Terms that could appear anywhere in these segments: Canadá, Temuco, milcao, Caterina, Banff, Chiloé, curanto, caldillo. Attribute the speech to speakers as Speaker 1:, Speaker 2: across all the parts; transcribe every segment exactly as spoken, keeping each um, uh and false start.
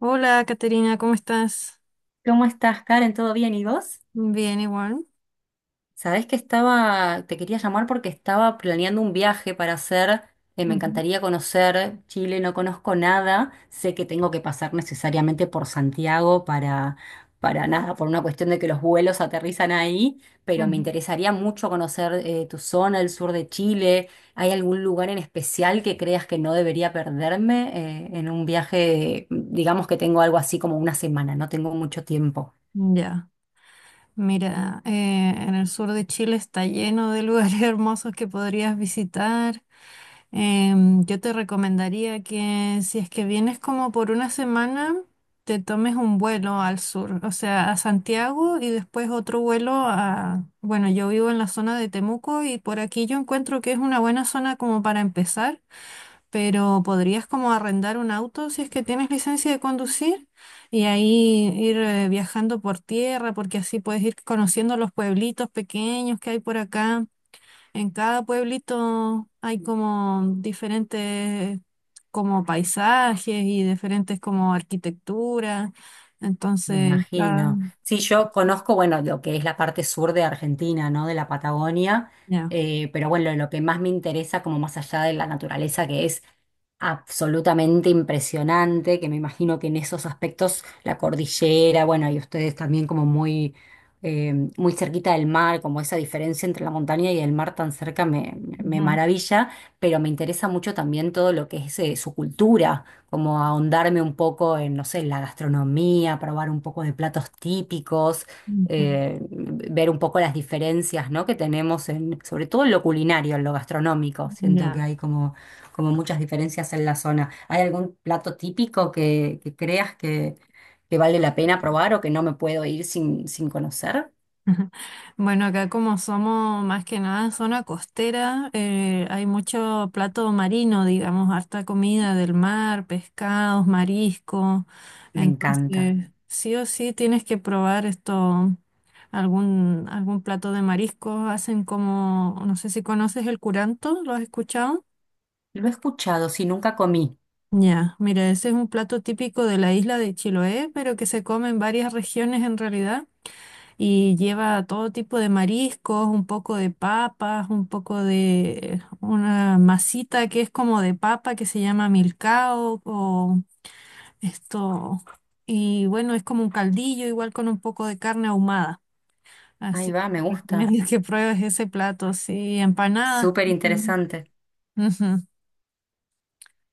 Speaker 1: Hola, Caterina, ¿cómo estás?
Speaker 2: ¿Cómo estás, Karen? ¿Todo bien? ¿Y vos?
Speaker 1: Bien, igual.
Speaker 2: Sabés que estaba, te quería llamar porque estaba planeando un viaje para hacer, eh, me
Speaker 1: Ujú,
Speaker 2: encantaría conocer Chile, no conozco nada, sé que tengo que pasar necesariamente por Santiago para, para nada, por una cuestión de que los vuelos aterrizan ahí, pero me interesaría mucho conocer eh, tu zona, el sur de Chile. ¿Hay algún lugar en especial que creas que no debería perderme eh, en un viaje, digamos que tengo algo así como una semana, no tengo mucho tiempo?
Speaker 1: ujú. Ya. Mira, eh, en el sur de Chile está lleno de lugares hermosos que podrías visitar. Em, yo te recomendaría que si es que vienes como por una semana, te tomes un vuelo al sur, o sea, a Santiago y después otro vuelo a... Bueno, yo vivo en la zona de Temuco y por aquí yo encuentro que es una buena zona como para empezar, pero podrías como arrendar un auto si es que tienes licencia de conducir y ahí ir eh, viajando por tierra, porque así puedes ir conociendo los pueblitos pequeños que hay por acá. En cada pueblito hay como diferentes como paisajes y diferentes como arquitecturas.
Speaker 2: Me
Speaker 1: Entonces, ah,
Speaker 2: imagino. Sí, yo conozco, bueno, lo que es la parte sur de Argentina, ¿no? De la Patagonia,
Speaker 1: ya.
Speaker 2: eh, pero bueno, lo que más me interesa, como más allá de la naturaleza, que es absolutamente impresionante, que me imagino que en esos aspectos, la cordillera, bueno, y ustedes también como muy, eh, muy cerquita del mar, como esa diferencia entre la montaña y el mar tan cerca me, me
Speaker 1: Ujú,
Speaker 2: maravilla, pero me interesa mucho también todo lo que es, eh, su cultura como ahondarme un poco en, no sé, la gastronomía, probar un poco de platos típicos,
Speaker 1: ujú,
Speaker 2: eh, ver un poco las diferencias, ¿no? Que tenemos en, sobre todo en lo culinario, en lo gastronómico. Siento que
Speaker 1: ya.
Speaker 2: hay como, como muchas diferencias en la zona. ¿Hay algún plato típico que, que creas que, que vale la pena probar o que no me puedo ir sin, sin conocer?
Speaker 1: Bueno, acá como somos más que nada zona costera, eh, hay mucho plato marino, digamos, harta comida del mar, pescados, mariscos.
Speaker 2: Me encanta.
Speaker 1: Entonces, sí o sí tienes que probar esto, algún, algún plato de mariscos. Hacen como, no sé si conoces el curanto, ¿lo has escuchado?
Speaker 2: Lo he escuchado, sí, nunca comí.
Speaker 1: Ya, mira, ese es un plato típico de la isla de Chiloé, pero que se come en varias regiones en realidad. Y lleva todo tipo de mariscos, un poco de papas, un poco de una masita que es como de papa que se llama milcao o esto. Y bueno, es como un caldillo, igual con un poco de carne ahumada.
Speaker 2: Ahí
Speaker 1: Así
Speaker 2: va, me
Speaker 1: que te
Speaker 2: gusta.
Speaker 1: recomiendo que pruebes ese plato, sí, empanadas
Speaker 2: Súper
Speaker 1: también.
Speaker 2: interesante.
Speaker 1: Ujú,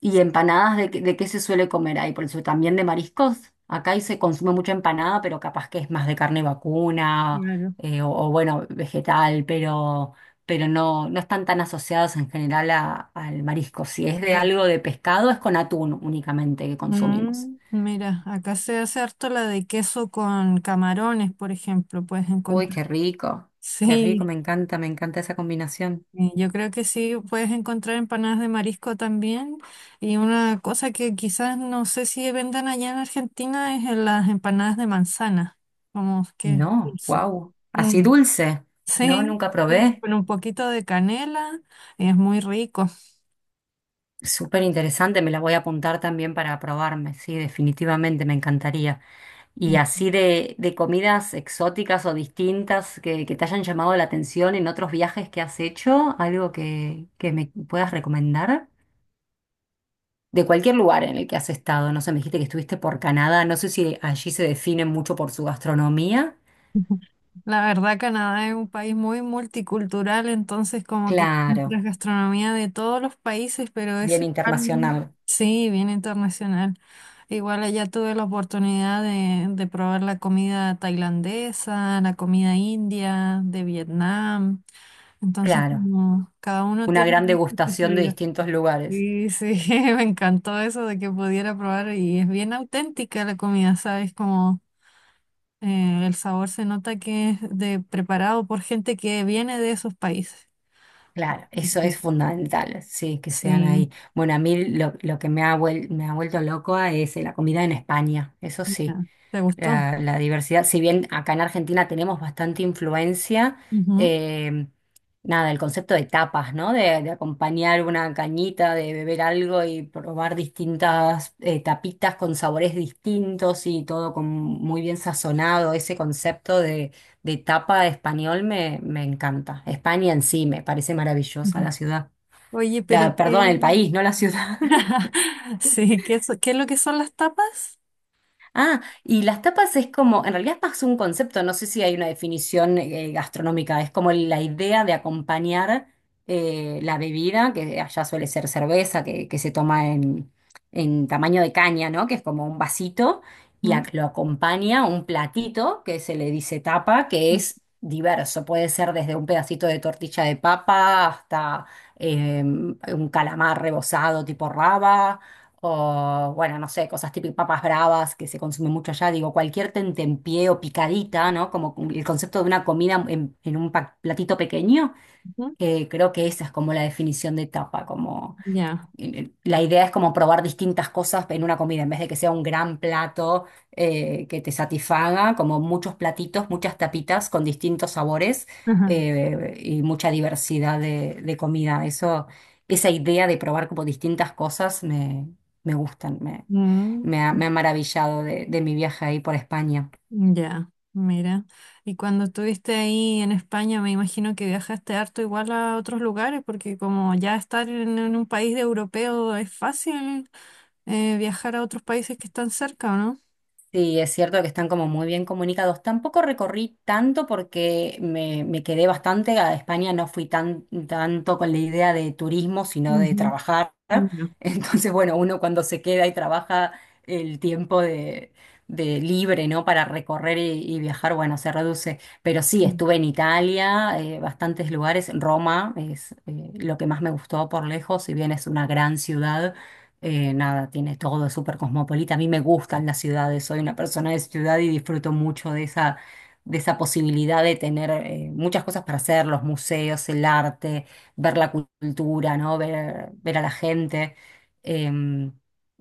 Speaker 2: ¿Y empanadas de, qué- de qué se suele comer ahí? Por eso también de mariscos. Acá ahí se consume mucha empanada, pero capaz que es más de carne vacuna
Speaker 1: claro.
Speaker 2: eh, o, o, bueno, vegetal, pero, pero no, no están tan asociadas en general a- al marisco. Si es de
Speaker 1: Ya.
Speaker 2: algo de pescado, es con atún únicamente que consumimos.
Speaker 1: Mm, mira, acá se hace harto la de queso con camarones, por ejemplo, puedes
Speaker 2: Uy,
Speaker 1: encontrar.
Speaker 2: qué rico, qué rico, me
Speaker 1: Sí.
Speaker 2: encanta, me encanta esa combinación.
Speaker 1: Sí, yo creo que sí puedes encontrar empanadas de marisco también. Y una cosa que quizás no sé si vendan allá en Argentina es en las empanadas de manzana, como que es
Speaker 2: No,
Speaker 1: dulce.
Speaker 2: wow, así
Speaker 1: Mm,
Speaker 2: dulce. No,
Speaker 1: sí,
Speaker 2: nunca
Speaker 1: sí,
Speaker 2: probé.
Speaker 1: con un poquito de canela es muy rico.
Speaker 2: Súper interesante, me la voy a apuntar también para probarme, sí, definitivamente me encantaría. Y así de, de comidas exóticas o distintas que, que te hayan llamado la atención en otros viajes que has hecho, algo que, que me puedas recomendar. De cualquier lugar en el que has estado, no sé, me dijiste que estuviste por Canadá, no sé si allí se define mucho por su gastronomía.
Speaker 1: La verdad, Canadá es un país muy multicultural, entonces como que la
Speaker 2: Claro,
Speaker 1: gastronomía de todos los países, pero
Speaker 2: bien
Speaker 1: eso igual,
Speaker 2: internacional,
Speaker 1: sí, bien internacional. Igual allá tuve la oportunidad de, de probar la comida tailandesa, la comida india, de Vietnam. Entonces,
Speaker 2: claro,
Speaker 1: como cada uno
Speaker 2: una gran
Speaker 1: tiene su
Speaker 2: degustación de
Speaker 1: especialidad.
Speaker 2: distintos lugares.
Speaker 1: Sí, sí, me encantó eso de que pudiera probar y es bien auténtica la comida, ¿sabes? Como eh, el sabor se nota que es de preparado por gente que viene de esos países.
Speaker 2: Claro, eso es
Speaker 1: Ok.
Speaker 2: fundamental, sí, que sean
Speaker 1: Sí,
Speaker 2: ahí. Bueno, a mí lo, lo que me ha, vuel- me ha vuelto loco es eh, la comida en España, eso sí.
Speaker 1: ya. ¿Te gustó?
Speaker 2: La, la diversidad, si bien acá en Argentina tenemos bastante influencia,
Speaker 1: Ujú,
Speaker 2: eh, nada, el concepto de tapas, ¿no? De, de acompañar una cañita, de beber algo y probar distintas eh, tapitas con sabores distintos y todo con muy bien sazonado. Ese concepto de, de tapa español me, me encanta. España en sí me parece maravillosa
Speaker 1: ujú.
Speaker 2: la ciudad.
Speaker 1: Oye, pero
Speaker 2: La- perdón,
Speaker 1: qué,
Speaker 2: el país, no la ciudad.
Speaker 1: sí, ¿qué, so- qué es lo que son las tapas?
Speaker 2: Ah, y las tapas es como, en realidad es más un concepto, no sé si hay una definición eh, gastronómica, es como la idea de acompañar eh, la bebida, que allá suele ser cerveza, que, que se toma en, en tamaño de caña, ¿no? Que es como un vasito, y a-
Speaker 1: Ujú,
Speaker 2: lo acompaña un platito que se le dice tapa, que es diverso, puede ser desde un pedacito de tortilla de papa hasta eh, un calamar rebozado tipo raba o, bueno, no sé, cosas típicas, papas bravas que se consumen mucho allá. Digo, cualquier tentempié o picadita, ¿no? Como el concepto de una comida en, en un pa- platito pequeño.
Speaker 1: ujú.
Speaker 2: Eh, creo que esa es como la definición de tapa, como
Speaker 1: Ya.
Speaker 2: eh, la idea es como probar distintas cosas en una comida, en vez de que sea un gran plato eh, que te satisfaga, como muchos platitos, muchas tapitas con distintos sabores
Speaker 1: Ajá.
Speaker 2: eh, y mucha diversidad de, de comida. Eso, esa idea de probar como distintas cosas me, me gustan, me,
Speaker 1: Mm.
Speaker 2: me ha, me ha maravillado de, de mi viaje ahí por España.
Speaker 1: Ya, mira. Y cuando estuviste ahí en España, me imagino que viajaste harto igual a otros lugares, porque como ya estar en, en un país de europeo es fácil eh, viajar a otros países que están cerca, ¿o no?
Speaker 2: Sí, es cierto que están como muy bien comunicados. Tampoco recorrí tanto porque me, me quedé bastante a España, no fui tan, tanto con la idea de turismo, sino de
Speaker 1: Ujú,
Speaker 2: trabajar.
Speaker 1: ya,
Speaker 2: Entonces, bueno, uno cuando se queda y trabaja el tiempo de, de libre, ¿no? Para recorrer y, y viajar, bueno, se reduce. Pero sí, estuve en Italia, eh, bastantes lugares. Roma es eh, lo que más me gustó por lejos, si bien es una gran ciudad eh, nada, tiene todo súper cosmopolita. A mí me gustan las ciudades, soy una persona de ciudad y disfruto mucho de esa, de esa posibilidad de tener eh, muchas cosas para hacer, los museos, el arte, ver la cultura, ¿no? Ver, ver a la gente. Em,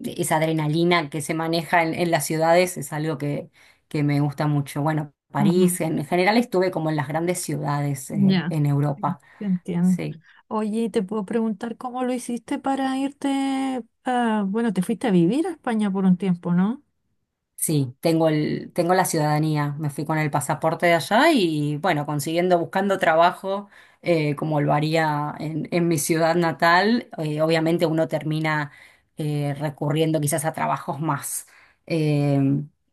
Speaker 2: Esa adrenalina que se maneja en, en las ciudades es algo que, que me gusta mucho. Bueno,
Speaker 1: ujú,
Speaker 2: París, en general estuve como en las grandes ciudades eh,
Speaker 1: ya,
Speaker 2: en
Speaker 1: sí,
Speaker 2: Europa.
Speaker 1: te entiendo.
Speaker 2: Sí.
Speaker 1: Oye, te puedo preguntar cómo lo hiciste para irte, a- bueno, te fuiste a vivir a España por un tiempo, ¿no?
Speaker 2: Sí, tengo el, tengo la ciudadanía, me fui con el pasaporte de allá y bueno, consiguiendo, buscando trabajo eh, como lo haría en, en mi ciudad natal, eh, obviamente uno termina eh, recurriendo quizás a trabajos más, eh,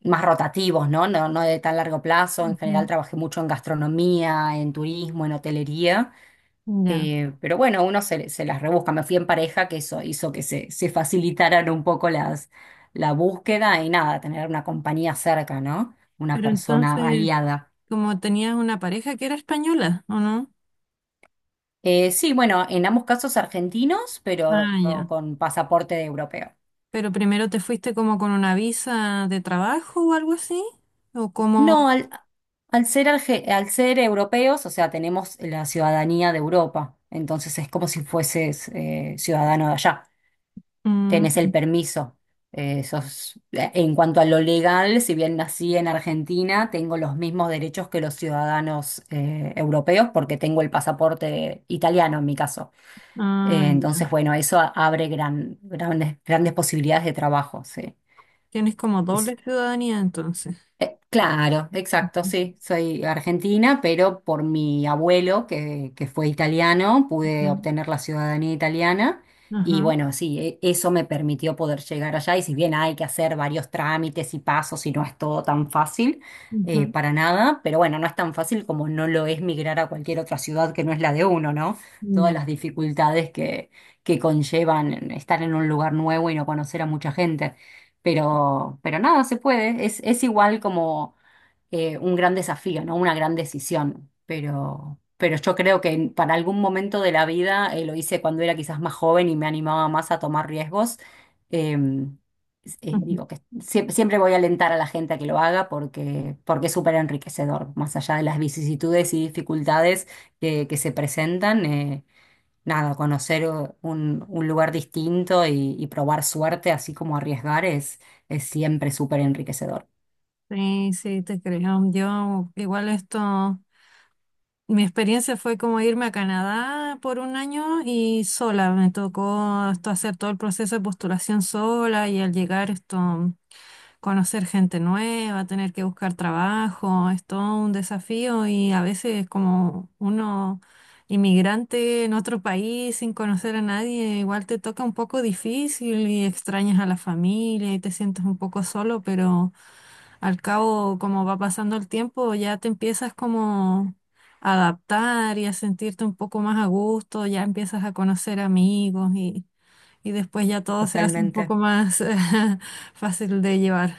Speaker 2: más rotativos, ¿no? No, no de tan largo plazo, en general
Speaker 1: Ujú,
Speaker 2: trabajé mucho en gastronomía, en turismo, en hotelería
Speaker 1: ya.
Speaker 2: eh, pero bueno, uno se, se las rebusca. Me fui en pareja, que eso hizo que se, se facilitaran un poco las, la búsqueda y nada, tener una compañía cerca, ¿no? Una
Speaker 1: Pero
Speaker 2: persona
Speaker 1: entonces,
Speaker 2: aliada.
Speaker 1: como tenías una pareja que era española, ¿o no?
Speaker 2: Eh, sí, bueno, en ambos casos argentinos, pero
Speaker 1: Ah, ya.
Speaker 2: con pasaporte de europeo.
Speaker 1: Pero primero te fuiste como con una visa de trabajo o algo así, o como...
Speaker 2: No, al, al ser, arge- al ser europeos, o sea, tenemos la ciudadanía de Europa, entonces es como si fueses eh, ciudadano de allá. Tenés el
Speaker 1: Mm,
Speaker 2: permiso. Eh, sos- eh, en cuanto a lo legal, si bien nací en Argentina, tengo los mismos derechos que los ciudadanos eh, europeos porque tengo el pasaporte italiano en mi caso.
Speaker 1: ah,
Speaker 2: Eh,
Speaker 1: ya.
Speaker 2: entonces, bueno, eso abre gran, grandes, grandes posibilidades de trabajo, sí.
Speaker 1: Tienes como doble ciudadanía entonces.
Speaker 2: Eh, Claro, exacto,
Speaker 1: Ujú,
Speaker 2: sí, soy argentina, pero por mi abuelo, que, que fue italiano, pude
Speaker 1: ya.
Speaker 2: obtener la ciudadanía italiana y
Speaker 1: Ajá.
Speaker 2: bueno, sí, e- eso me permitió poder llegar allá y si bien hay que hacer varios trámites y pasos y no es todo tan fácil, eh,
Speaker 1: Ujú,
Speaker 2: para nada, pero bueno, no es tan fácil como no lo es migrar a cualquier otra ciudad que no es la de uno, ¿no? Todas
Speaker 1: ya.
Speaker 2: las dificultades que, que conllevan estar en un lugar nuevo y no conocer a mucha gente. Pero, pero nada, se puede. Es, es igual como eh, un gran desafío, ¿no? Una gran decisión. Pero, pero yo creo que en- para algún momento de la vida eh, lo hice cuando era quizás más joven y me animaba más a tomar riesgos. Em, s- eh,
Speaker 1: Ujú.
Speaker 2: digo que siempre, siempre voy a alentar a la gente a que lo haga porque, porque es súper enriquecedor, más allá de las vicisitudes y dificultades que, que se presentan. Eh, nada, conocer eh, un, un lugar distinto y, y probar suerte, así como arriesgar, es, es siempre súper enriquecedor.
Speaker 1: Sí, sí, te creo. Yo igual esto... Mi experiencia fue como irme a Canadá por un año y sola. Me tocó esto hacer todo el proceso de postulación sola y al llegar esto... conocer gente nueva, tener que buscar trabajo, es todo un desafío y a veces como uno inmigrante en otro país sin conocer a nadie, igual te toca un poco difícil y extrañas a la familia y te sientes un poco solo, pero al cabo como va pasando el tiempo ya te empiezas como a adaptar y a sentirte un poco más a gusto, ya empiezas a conocer amigos y, y después ya todo se hace un
Speaker 2: Totalmente.
Speaker 1: poco más fácil de llevar.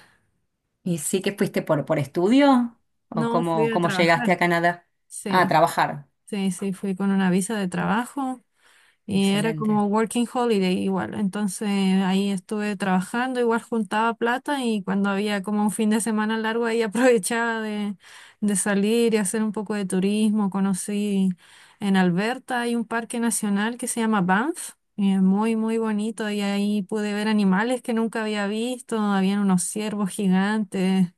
Speaker 2: ¿Y sí que fuiste por, por estudio? ¿O
Speaker 1: No, fui
Speaker 2: cómo,
Speaker 1: a
Speaker 2: cómo
Speaker 1: trabajar.
Speaker 2: llegaste a Canadá? Ah, a
Speaker 1: Sí,
Speaker 2: trabajar.
Speaker 1: sí, sí, fui con una visa de trabajo y era
Speaker 2: Excelente.
Speaker 1: como working holiday igual. Entonces ahí estuve trabajando, igual juntaba plata y cuando había como un fin de semana largo ahí aprovechaba de, de salir y hacer un poco de turismo. Conocí en Alberta, hay un parque nacional que se llama Banff. Y es muy, muy bonito y ahí pude ver animales que nunca había visto. Habían unos ciervos gigantes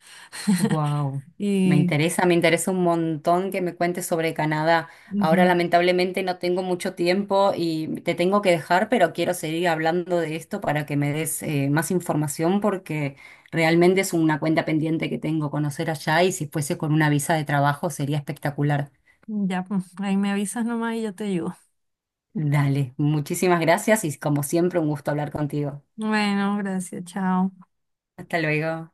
Speaker 2: Wow, me
Speaker 1: y...
Speaker 2: interesa, me interesa un montón que me cuentes sobre Canadá. Ahora lamentablemente no tengo mucho tiempo y te tengo que dejar, pero quiero seguir hablando de esto para que me des eh, más información porque realmente es una cuenta pendiente que tengo conocer allá y si fuese con una visa de trabajo sería espectacular.
Speaker 1: Ya, pues, ahí me avisas nomás y yo te ayudo.
Speaker 2: Dale, muchísimas gracias y como siempre un gusto hablar contigo.
Speaker 1: Bueno, gracias, chao.
Speaker 2: Hasta luego.